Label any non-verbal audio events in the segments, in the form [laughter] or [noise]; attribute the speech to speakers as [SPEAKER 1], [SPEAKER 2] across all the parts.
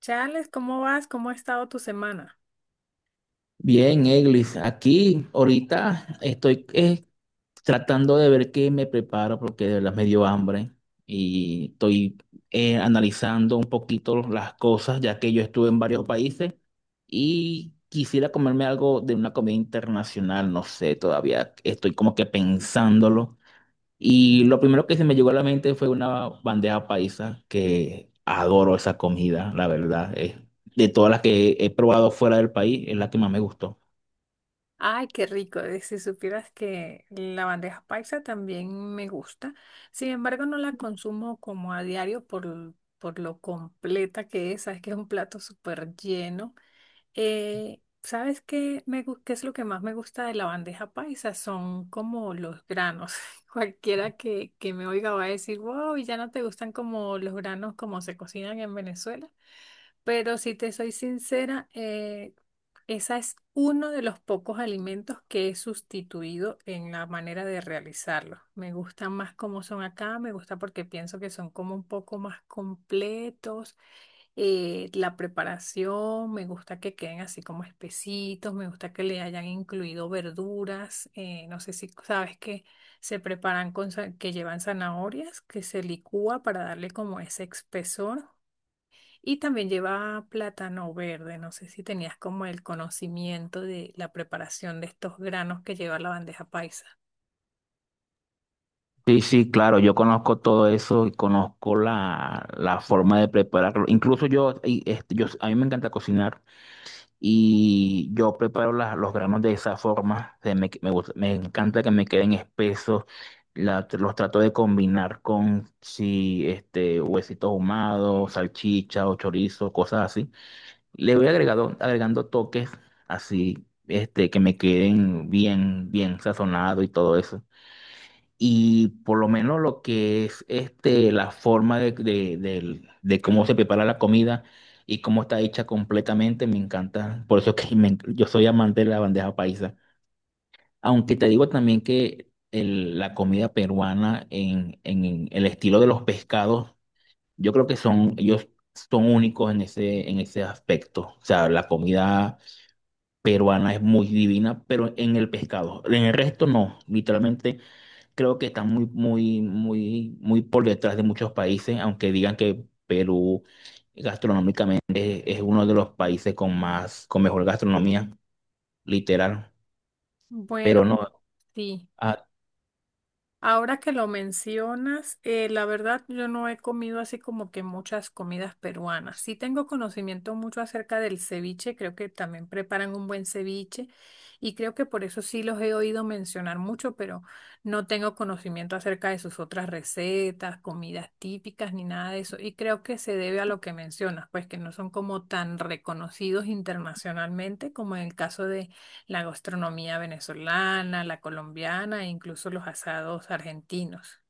[SPEAKER 1] Charles, ¿cómo vas? ¿Cómo ha estado tu semana?
[SPEAKER 2] Bien, Eglis, aquí ahorita estoy tratando de ver qué me preparo porque de verdad me dio hambre y estoy analizando un poquito las cosas ya que yo estuve en varios países y quisiera comerme algo de una comida internacional, no sé, todavía estoy como que pensándolo y lo primero que se me llegó a la mente fue una bandeja paisa que adoro esa comida, la verdad, es de todas las que he probado fuera del país es la que más me gustó.
[SPEAKER 1] Ay, qué rico. Si supieras que la bandeja paisa también me gusta. Sin embargo, no la consumo como a diario por lo completa que es. Sabes que es un plato súper lleno. ¿Sabes qué, qué es lo que más me gusta de la bandeja paisa? Son como los granos. [laughs] Cualquiera que me oiga va a decir, wow, ¿y ya no te gustan como los granos como se cocinan en Venezuela? Pero si te soy sincera, esa es uno de los pocos alimentos que he sustituido en la manera de realizarlos. Me gustan más como son acá, me gusta porque pienso que son como un poco más completos. La preparación, me gusta que queden así como espesitos, me gusta que le hayan incluido verduras. No sé si sabes que se preparan que llevan zanahorias, que se licúa para darle como ese espesor. Y también lleva plátano verde. No sé si tenías como el conocimiento de la preparación de estos granos que lleva la bandeja paisa.
[SPEAKER 2] Sí, sí, claro, yo conozco todo eso y conozco la forma de prepararlo. Incluso yo, y, este, yo, a mí me encanta cocinar y yo preparo los granos de esa forma. Se me, me gusta- me encanta que me queden espesos. Los trato de combinar con si este huesitos ahumados, salchicha o chorizo, cosas así. Le voy agregado, agregando toques así, este, que me queden bien, bien sazonados y todo eso. Y por lo menos lo que es este, la forma de cómo se prepara la comida y cómo está hecha completamente, me encanta. Por eso que [laughs] yo soy amante de la bandeja paisa. Aunque te digo también que la comida peruana en el estilo de los pescados, yo creo que son, ellos son únicos en ese aspecto. O sea, la comida peruana es muy divina, pero en el pescado. En el resto no, literalmente creo que están muy, muy, muy, muy por detrás de muchos países, aunque digan que Perú gastronómicamente es uno de los países con más, con mejor gastronomía, literal.
[SPEAKER 1] Bueno,
[SPEAKER 2] Pero no,
[SPEAKER 1] sí.
[SPEAKER 2] ah,
[SPEAKER 1] Ahora que lo mencionas, la verdad yo no he comido así como que muchas comidas peruanas. Sí tengo conocimiento mucho acerca del ceviche, creo que también preparan un buen ceviche y creo que por eso sí los he oído mencionar mucho, pero no tengo conocimiento acerca de sus otras recetas, comidas típicas ni nada de eso. Y creo que se debe a lo que mencionas, pues que no son como tan reconocidos internacionalmente como en el caso de la gastronomía venezolana, la colombiana e incluso los asados argentinos.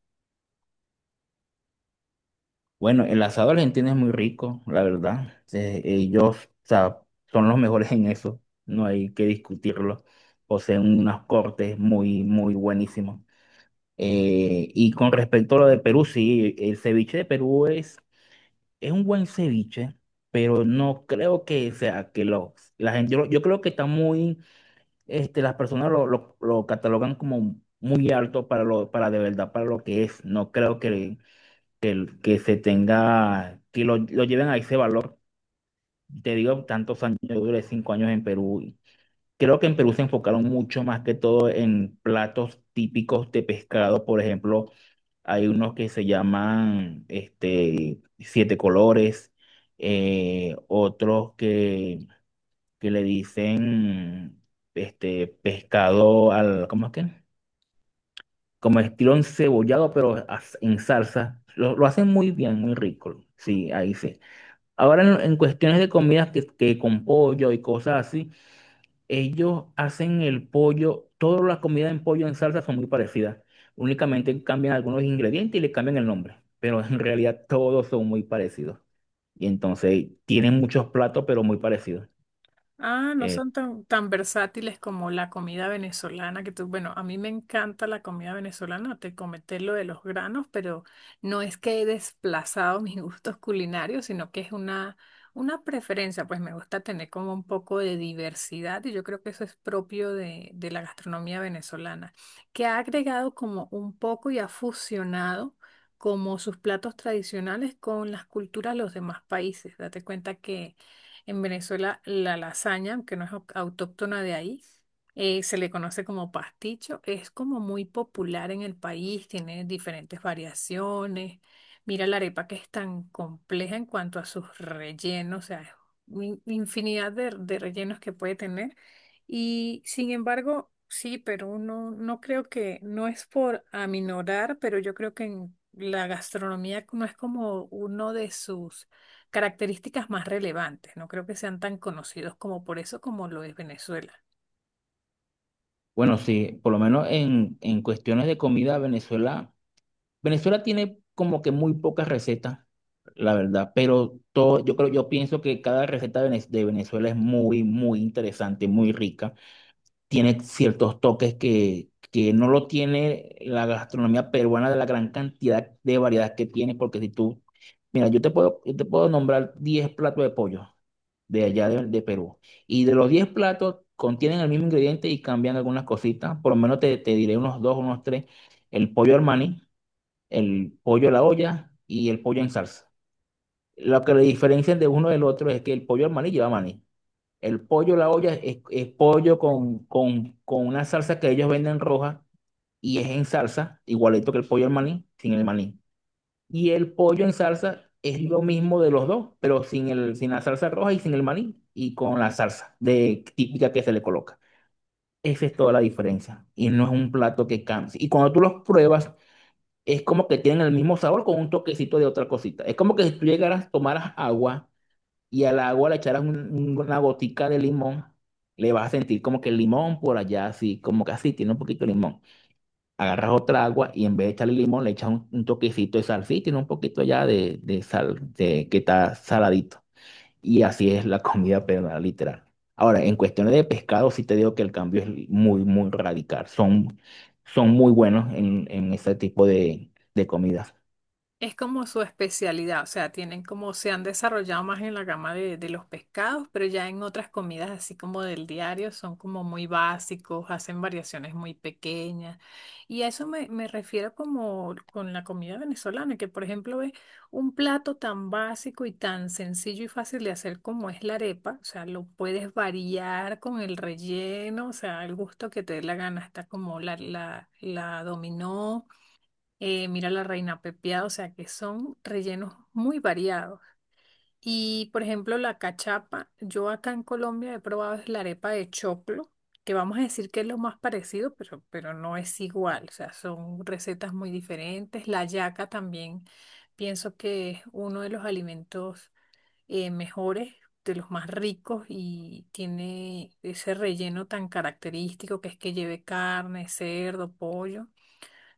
[SPEAKER 2] bueno, el asado argentino es muy rico, la verdad. Ellos, o sea, son los mejores en eso, no hay que discutirlo. Poseen unos cortes muy, muy buenísimos. Y con respecto a lo de Perú, sí, el ceviche de Perú es es un buen ceviche, pero no creo que sea que lo, la gente, yo creo que está muy, este, las personas lo catalogan como muy alto para lo, para de verdad, para lo que es. No creo que se tenga, lo lleven a ese valor. Te digo, tantos años, yo duré 5 años en Perú. Y creo que en Perú se enfocaron mucho más que todo en platos típicos de pescado, por ejemplo hay unos que se llaman este, siete colores, otros que le dicen este, pescado al, ¿cómo es que? Como estilo encebollado, pero en salsa. Lo hacen muy bien, muy rico. Sí, ahí sí. Ahora en cuestiones de comidas que con pollo y cosas así. Ellos hacen el pollo, todas las comidas en pollo en salsa son muy parecidas. Únicamente cambian algunos ingredientes y le cambian el nombre, pero en realidad todos son muy parecidos. Y entonces tienen muchos platos, pero muy parecidos.
[SPEAKER 1] Ah, no
[SPEAKER 2] Eh,
[SPEAKER 1] son tan versátiles como la comida venezolana que tú, bueno, a mí me encanta la comida venezolana, te comenté lo de los granos, pero no es que he desplazado [laughs] mis gustos culinarios, sino que es una preferencia, pues me gusta tener como un poco de diversidad y yo creo que eso es propio de la gastronomía venezolana, que ha agregado como un poco y ha fusionado como sus platos tradicionales con las culturas de los demás países. Date cuenta que en Venezuela, la lasaña, que no es autóctona de ahí, se le conoce como pasticho. Es como muy popular en el país, tiene diferentes variaciones. Mira la arepa que es tan compleja en cuanto a sus rellenos, o sea, es infinidad de rellenos que puede tener. Y sin embargo, sí, pero no, no creo que, no es por aminorar, pero yo creo que en la gastronomía no es como uno de sus características más relevantes. No creo que sean tan conocidos como por eso como lo es Venezuela.
[SPEAKER 2] bueno, sí, por lo menos en cuestiones de comida, Venezuela tiene como que muy pocas recetas, la verdad, pero todo, yo creo, yo pienso que cada receta de de Venezuela es muy, muy interesante, muy rica. Tiene ciertos toques que no lo tiene la gastronomía peruana de la gran cantidad de variedad que tiene, porque si tú, mira, yo te puedo nombrar 10 platos de pollo de allá de Perú, y de los 10 platos contienen el mismo ingrediente y cambian algunas cositas, por lo menos te diré unos dos, unos tres, el pollo Armani, el pollo a la olla y el pollo en salsa. Lo que le diferencian de uno del otro es que el pollo Armani lleva maní. El pollo a la olla es pollo con una salsa que ellos venden roja y es en salsa, igualito que el pollo al maní, sin el maní. Y el pollo en salsa es lo mismo de los dos, pero sin el, sin la salsa roja y sin el maní y con la salsa de, típica que se le coloca. Esa es toda la diferencia. Y no es un plato que canse. Y cuando tú los pruebas, es como que tienen el mismo sabor con un toquecito de otra cosita. Es como que si tú llegaras, tomaras agua y al agua le echaras una gotica de limón, le vas a sentir como que el limón por allá, así, como que así, tiene un poquito de limón. Agarras otra agua y en vez de echarle limón, le echas un toquecito de sal, sí, tiene un poquito allá de sal, de, que está saladito. Y así es la [laughs] comida peruana, literal. Ahora, en cuestiones de pescado, sí te digo que el cambio es muy, muy radical. Son, son muy buenos en ese tipo de comidas.
[SPEAKER 1] Es como su especialidad, o sea, tienen como se han desarrollado más en la gama de los pescados, pero ya en otras comidas así como del diario son como muy básicos, hacen variaciones muy pequeñas. Y a eso me refiero como con la comida venezolana, que por ejemplo es un plato tan básico y tan sencillo y fácil de hacer como es la arepa, o sea, lo puedes variar con el relleno, o sea, el gusto que te dé la gana, está como la dominó mira la reina pepiada, o sea que son rellenos muy variados. Y por ejemplo, la cachapa, yo acá en Colombia he probado es la arepa de choclo, que vamos a decir que es lo más parecido, pero no es igual, o sea, son recetas muy diferentes. La yaca también pienso que es uno de los alimentos mejores, de los más ricos y tiene ese relleno tan característico que es que lleve carne, cerdo, pollo.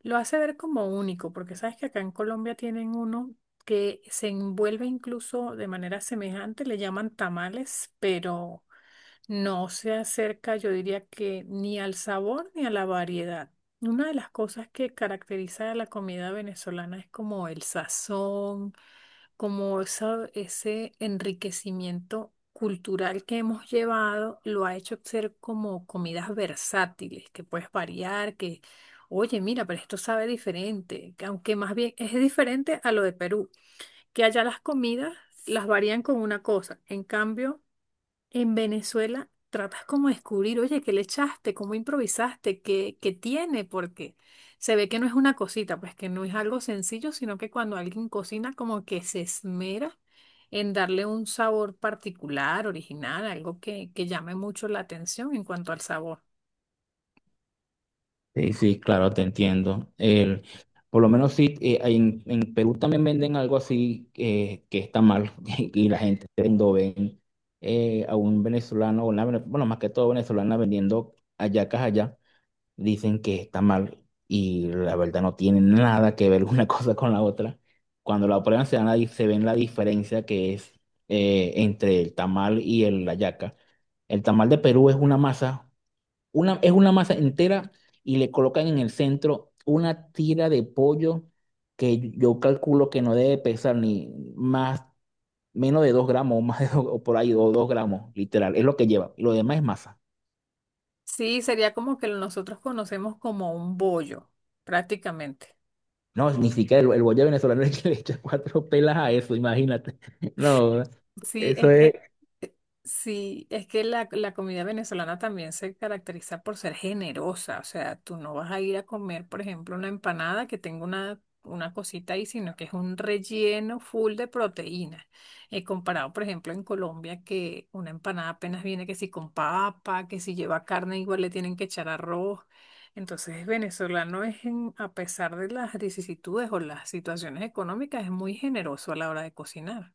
[SPEAKER 1] Lo hace ver como único, porque sabes que acá en Colombia tienen uno que se envuelve incluso de manera semejante, le llaman tamales, pero no se acerca, yo diría que ni al sabor ni a la variedad. Una de las cosas que caracteriza a la comida venezolana es como el sazón, como ese enriquecimiento cultural que hemos llevado lo ha hecho ser como comidas versátiles, que puedes variar, que, oye, mira, pero esto sabe diferente, que aunque más bien es diferente a lo de Perú, que allá las comidas las varían con una cosa, en cambio... En Venezuela tratas como de descubrir, oye, ¿qué le echaste? ¿Cómo improvisaste? ¿Qué tiene? Porque se ve que no es una cosita, pues que no es algo sencillo, sino que cuando alguien cocina como que se esmera en darle un sabor particular, original, algo que llame mucho la atención en cuanto al sabor.
[SPEAKER 2] Sí, sí, claro, te entiendo. El, por lo menos sí, en Perú también venden algo así que está mal [laughs] y la gente cuando ven a un venezolano, o una bueno, más que todo venezolana vendiendo hallacas allá, dicen que está mal y la verdad no tiene nada que ver una [laughs] cosa con la otra. Cuando la prueban se ven la diferencia que es entre el tamal y el hallaca. El tamal de Perú es una masa. Una, es una masa entera y le colocan en el centro una tira de pollo que yo calculo que no debe pesar ni más, menos de 2 gramos o más de o por ahí, o 2 gramos, literal. Es lo que lleva. Y lo demás es masa.
[SPEAKER 1] Sí, sería como que nosotros conocemos como un bollo, prácticamente.
[SPEAKER 2] No, ni siquiera el bollero venezolano [laughs] es el que le echa cuatro pelas a eso, imagínate. [laughs] No,
[SPEAKER 1] Sí,
[SPEAKER 2] eso
[SPEAKER 1] es
[SPEAKER 2] es.
[SPEAKER 1] que, eh, sí, es que la comida venezolana también se caracteriza por ser generosa. O sea, tú no vas a ir a comer, por ejemplo, una empanada que tenga una cosita ahí, sino que es un relleno full de proteína. Comparado, por ejemplo, en Colombia, que una empanada apenas viene que si con papa, que si lleva carne, igual le tienen que echar arroz. Entonces, el venezolano a pesar de las vicisitudes o las situaciones económicas, es muy generoso a la hora de cocinar.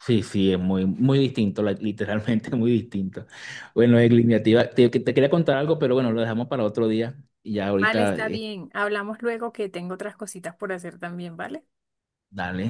[SPEAKER 2] Sí, sí, es muy, muy distinto, literalmente [laughs] muy distinto. Bueno, es iniciativa. Te quería contar algo, pero bueno, lo dejamos para otro día. Y ya
[SPEAKER 1] Vale,
[SPEAKER 2] ahorita,
[SPEAKER 1] está bien. Hablamos luego que tengo otras cositas por hacer también, ¿vale?
[SPEAKER 2] dale.